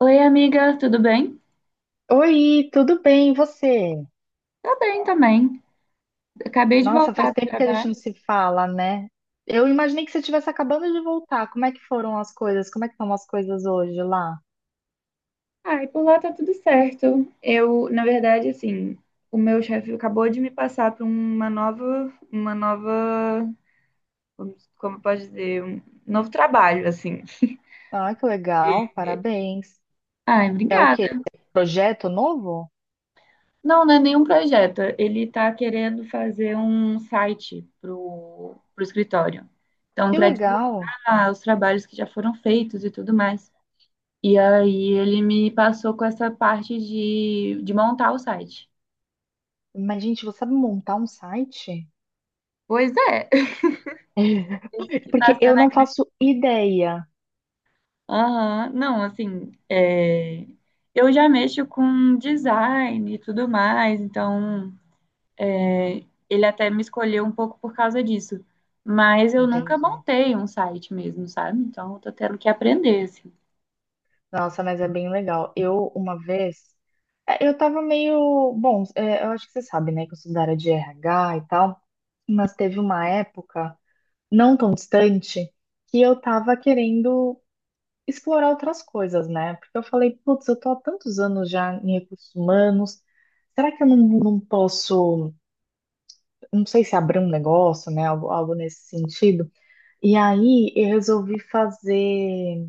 Oi, amiga, tudo bem? Oi, tudo bem, e você? Tá bem também. Acabei de Nossa, faz voltar do tempo que a gente trabalho. não se fala, né? Eu imaginei que você estivesse acabando de voltar. Como é que foram as coisas? Como é que estão as coisas hoje lá? Ai, por lá tá tudo certo. Eu, na verdade, assim, o meu chefe acabou de me passar para uma nova, como pode dizer, um novo trabalho, assim. Ah, que legal, parabéns. Ai, É o obrigada. quê? Projeto novo? Não, não é nenhum projeto. Ele tá querendo fazer um site pro escritório. Então, Que para legal. divulgar os trabalhos que já foram feitos e tudo mais. E aí ele me passou com essa parte de montar o site. Mas, gente, você sabe montar um site? Pois é. Esse que tá Porque eu sendo a não grande. faço ideia. Aham, não, assim, é, eu já mexo com design e tudo mais, então é, ele até me escolheu um pouco por causa disso. Mas eu nunca Entendi. montei um site mesmo, sabe? Então eu tô tendo que aprender, assim. Nossa, mas é bem legal. Eu, uma vez, eu tava meio. Bom, eu acho que você sabe, né, que eu sou da área de RH e tal, mas teve uma época não tão distante que eu tava querendo explorar outras coisas, né? Porque eu falei, putz, eu tô há tantos anos já em recursos humanos, será que eu não posso, não sei se abrir um negócio, né, algo nesse sentido? E aí eu resolvi fazer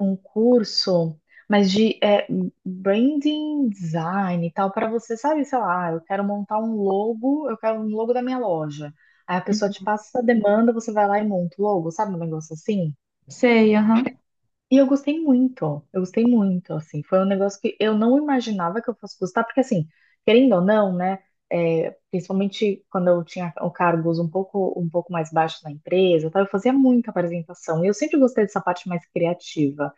um curso, mas de branding design e tal, para você, sabe, sei lá, "Ah, eu quero montar um logo, eu quero um logo da minha loja. Aí a pessoa te passa essa demanda, você vai lá e monta o logo, sabe, um negócio assim? Sei, aham. E eu gostei muito, assim, foi um negócio que eu não imaginava que eu fosse gostar, porque assim, querendo ou não, né, é, principalmente quando eu tinha cargos um pouco mais baixos na empresa, tá, eu fazia muita apresentação, e eu sempre gostei dessa parte mais criativa,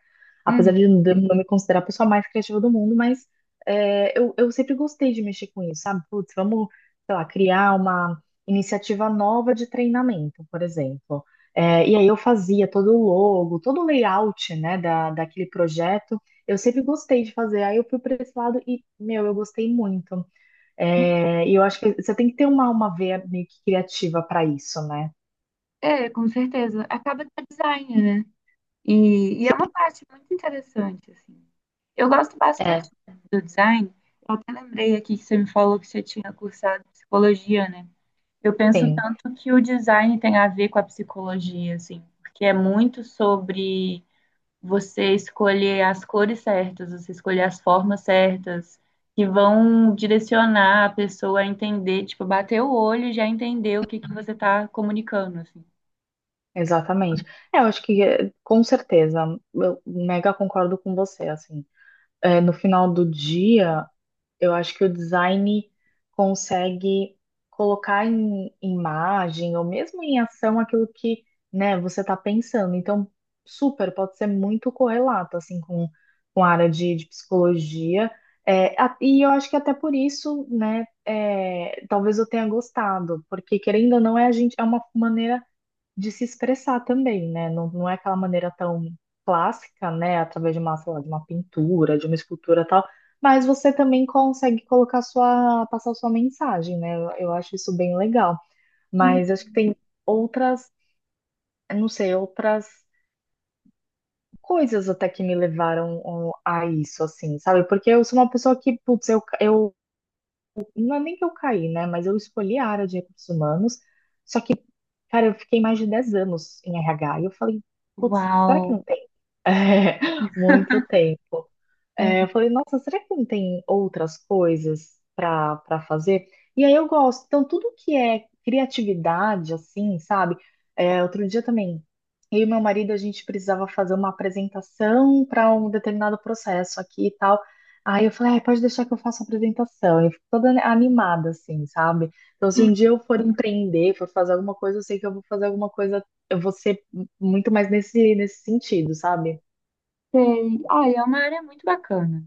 Uhum. apesar de eu não me considerar a pessoa mais criativa do mundo, mas eu sempre gostei de mexer com isso, sabe? Putz, vamos, sei lá, criar uma iniciativa nova de treinamento, por exemplo. É, e aí eu fazia todo o logo, todo o layout, né, daquele projeto. Eu sempre gostei de fazer. Aí eu fui para esse lado e, meu, eu gostei muito. É, e eu acho que você tem que ter uma veia meio que criativa para isso, né? É, com certeza. Acaba que é design, né? E é uma parte muito interessante, assim. Eu gosto bastante É. do design. Eu até lembrei aqui que você me falou que você tinha cursado psicologia, né? Eu penso Tem, tanto que o design tem a ver com a psicologia, assim, porque é muito sobre você escolher as cores certas, você escolher as formas certas, que vão direcionar a pessoa a entender, tipo, bater o olho e já entender o que que você está comunicando, assim. exatamente. É, eu acho que, é, com certeza, eu mega concordo com você, assim. É, no final do dia. Eu acho que o design consegue colocar em imagem ou mesmo em ação aquilo que, né, você está pensando. Então, super, pode ser muito correlato, assim, com a área de psicologia. É, e eu acho que até por isso, né, é, talvez eu tenha gostado, porque querendo ou não, é a gente, é uma maneira de se expressar também, né? Não é aquela maneira tão clássica, né? Através de uma, sei lá, de uma pintura, de uma escultura tal, mas você também consegue colocar sua, passar sua mensagem, né? Eu acho isso bem legal. Hum. Mas acho que tem outras, eu não sei, outras coisas até que me levaram ó, a isso, assim, sabe? Porque eu sou uma pessoa que, putz, eu não é nem que eu caí, né? Mas eu escolhi a área de recursos humanos, só que, cara, eu fiquei mais de 10 anos em RH e eu falei, putz, será que Uau! É, muito tempo. É, Uhum. eu falei, nossa, será que não tem outras coisas para fazer? E aí eu gosto. Então, tudo que é criatividade, assim, sabe? É, outro dia também, eu e meu marido, a gente precisava fazer uma apresentação para um determinado processo aqui e tal. Aí eu falei, "Ai, pode deixar que eu faça a apresentação. Eu fico toda animada, assim, sabe? Então, se um dia eu for empreender, for fazer alguma coisa, eu sei que eu vou fazer alguma coisa, eu vou ser muito mais nesse sentido, sabe? Sei. Olha, é uma área muito bacana.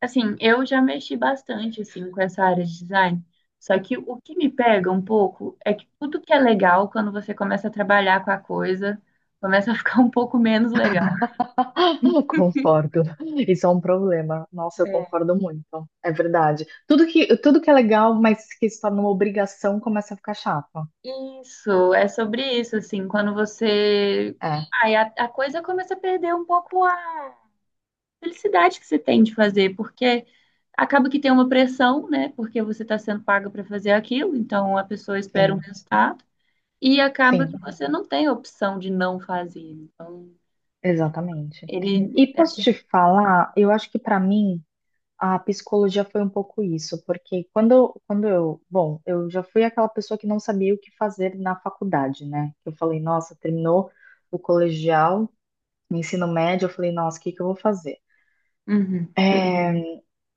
Assim, eu já mexi bastante, assim, com essa área de design. Só que o que me pega um pouco é que tudo que é legal, quando você começa a trabalhar com a coisa, começa a ficar um pouco menos legal. Eu concordo. Isso é um problema. Nossa, eu É. concordo muito. É verdade. Tudo que é legal, mas que se torna uma obrigação, começa a ficar chato. Isso, é sobre isso, assim, quando você... É, Aí a coisa começa a perder um pouco a felicidade que você tem de fazer, porque acaba que tem uma pressão, né? Porque você está sendo paga para fazer aquilo, então a pessoa espera um sim, resultado. E acaba que sim, você não tem a opção de não fazer. Então, exatamente. ele, E é posso assim, te falar, eu acho que para mim a psicologia foi um pouco isso, porque quando eu, bom, eu já fui aquela pessoa que não sabia o que fazer na faculdade, né? Eu falei, nossa, terminou o colegial, o ensino médio, eu falei, nossa, o que que eu vou fazer? uhum. É,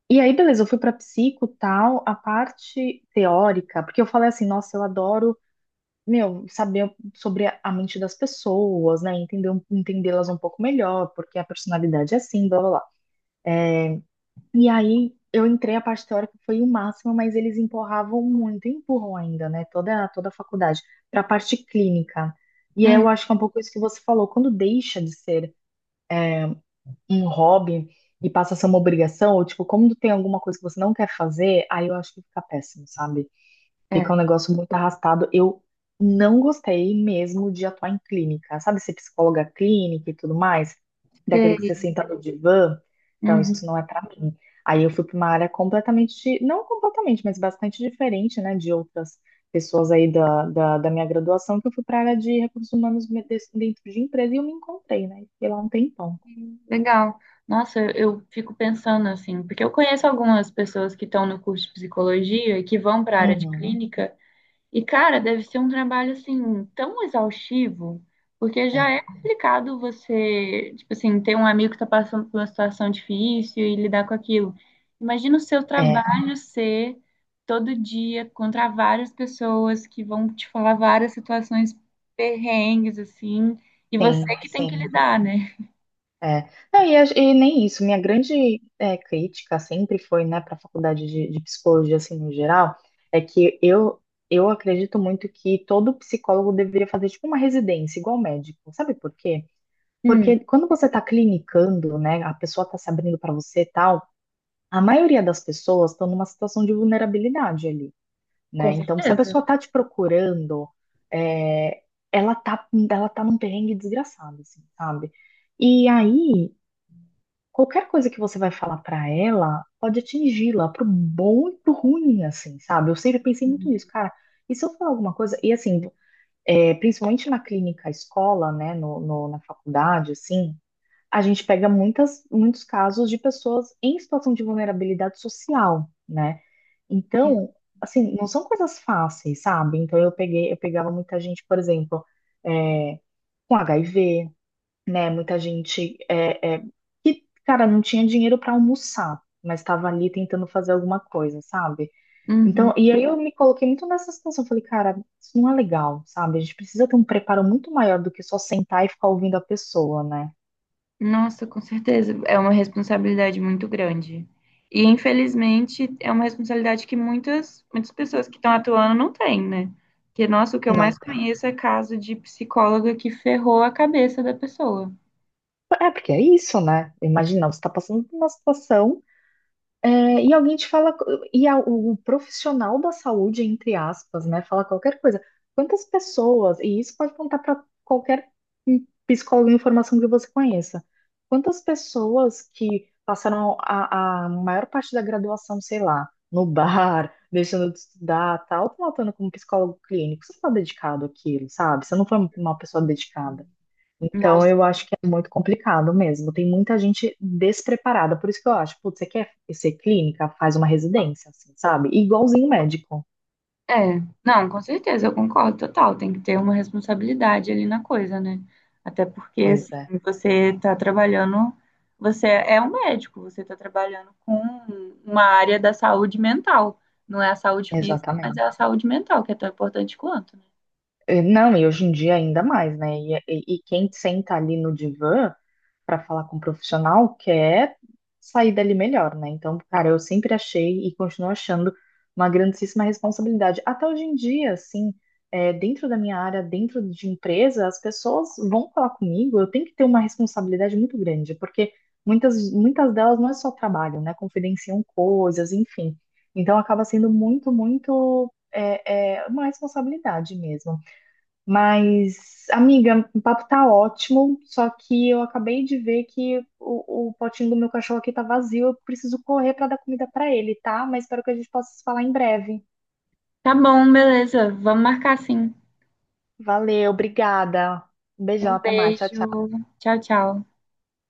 e aí, beleza, eu fui pra psico, tal, a parte teórica, porque eu falei assim, nossa, eu adoro, meu, saber sobre a mente das pessoas, né, entender, entendê-las um pouco melhor, porque a personalidade é assim, blá, blá, blá. E aí, eu entrei, a parte teórica foi o máximo, mas eles empurravam muito, empurram ainda, né, toda a faculdade, pra parte clínica. E aí, Uhum. eu acho que é um pouco isso que você falou, quando deixa de ser um hobby e passa a ser uma obrigação, ou tipo, quando tem alguma coisa que você não quer fazer, aí eu acho que fica péssimo, sabe? Fica um É, negócio muito arrastado. Eu não gostei mesmo de atuar em clínica. Sabe ser psicóloga clínica e tudo mais? Daquele que você sei. senta no divã? Então, isso Uhum. não é pra mim. Aí eu fui pra uma área completamente, não completamente, mas bastante diferente, né, de outras pessoas aí da minha graduação, que eu fui pra área de recursos humanos dentro de empresa e eu me encontrei, né? Fiquei lá um tempão. Legal. Nossa, eu fico pensando assim, porque eu conheço algumas pessoas que estão no curso de psicologia e que vão para a área de uhum Uhum. clínica. E, cara, deve ser um trabalho, assim, tão exaustivo, porque já É, é complicado você, tipo assim, ter um amigo que tá passando por uma situação difícil e lidar com aquilo. Imagina o seu é, trabalho ser todo dia contra várias pessoas que vão te falar várias situações perrengues, assim, e você sim, que tem que sim. lidar, né? É. Não, e, e nem isso. Minha grande crítica sempre foi, né, para a faculdade de psicologia, assim, no geral, é que eu, eu acredito muito que todo psicólogo deveria fazer, tipo, uma residência, igual médico. Sabe por quê? Hum, Porque quando você está clinicando, né, a pessoa está se abrindo para você e tal, a maioria das pessoas estão numa situação de vulnerabilidade ali, com né? Então, se a certeza. pessoa está te procurando, é, ela tá num perrengue desgraçado, assim, sabe? E aí qualquer coisa que você vai falar pra ela pode atingi-la pro bom e pro ruim, assim, sabe? Eu sempre pensei muito Uhum. nisso, cara. E se eu falar alguma coisa, e assim, é, principalmente na clínica escola, né, na faculdade, assim, a gente pega muitos casos de pessoas em situação de vulnerabilidade social, né? Sim. Então, assim, não são coisas fáceis, sabe? Então eu peguei, eu pegava muita gente, por exemplo, é, com HIV, né? Muita gente que, cara, não tinha dinheiro para almoçar, mas estava ali tentando fazer alguma coisa, sabe? Então, Uhum. e aí eu me coloquei muito nessa situação. Falei, cara, isso não é legal, sabe? A gente precisa ter um preparo muito maior do que só sentar e ficar ouvindo a pessoa, né? Nossa, com certeza. É uma responsabilidade muito grande. E, infelizmente, é uma responsabilidade que muitas, muitas pessoas que estão atuando não têm, né? Porque, nossa, o que eu Não mais tem. conheço é caso de psicóloga que ferrou a cabeça da pessoa. É, porque é isso, né? Imagina, você está passando por uma situação. É, e alguém te fala, e o profissional da saúde, entre aspas, né, fala qualquer coisa. Quantas pessoas, e isso pode contar para qualquer psicólogo em formação que você conheça, quantas pessoas que passaram a maior parte da graduação, sei lá, no bar, deixando de estudar, tal, estão atuando como psicólogo clínico? Você não está dedicado àquilo, sabe? Você não foi uma pessoa dedicada. Então, Nossa. eu acho que é muito complicado mesmo. Tem muita gente despreparada. Por isso que eu acho, putz, você quer ser clínica? Faz uma residência, assim, sabe? Igualzinho médico. É, não, com certeza, eu concordo total. Tem que ter uma responsabilidade ali na coisa, né? Até porque, Pois assim, é, você está trabalhando, você é um médico, você está trabalhando com uma área da saúde mental. Não é a saúde física, mas é exatamente. a saúde mental, que é tão importante quanto, né? Eh, não, e hoje em dia ainda mais, né? E, e quem senta ali no divã para falar com o profissional quer sair dali melhor, né? Então, cara, eu sempre achei e continuo achando uma grandíssima responsabilidade. Até hoje em dia, assim, eh, dentro da minha área, dentro de empresa, as pessoas vão falar comigo, eu tenho que ter uma responsabilidade muito grande, porque muitas delas não é só trabalho, né? Confidenciam coisas, enfim. Então, acaba sendo muito. É, é uma responsabilidade mesmo. Mas, amiga, o papo tá ótimo, só que eu acabei de ver que o potinho do meu cachorro aqui tá vazio, eu preciso correr pra dar comida pra ele, tá? Mas espero que a gente possa se falar em breve. Tá bom, beleza. Vamos marcar sim. Valeu, obrigada. Um beijão, Um até mais. Tchau, beijo. tchau. Tchau, tchau.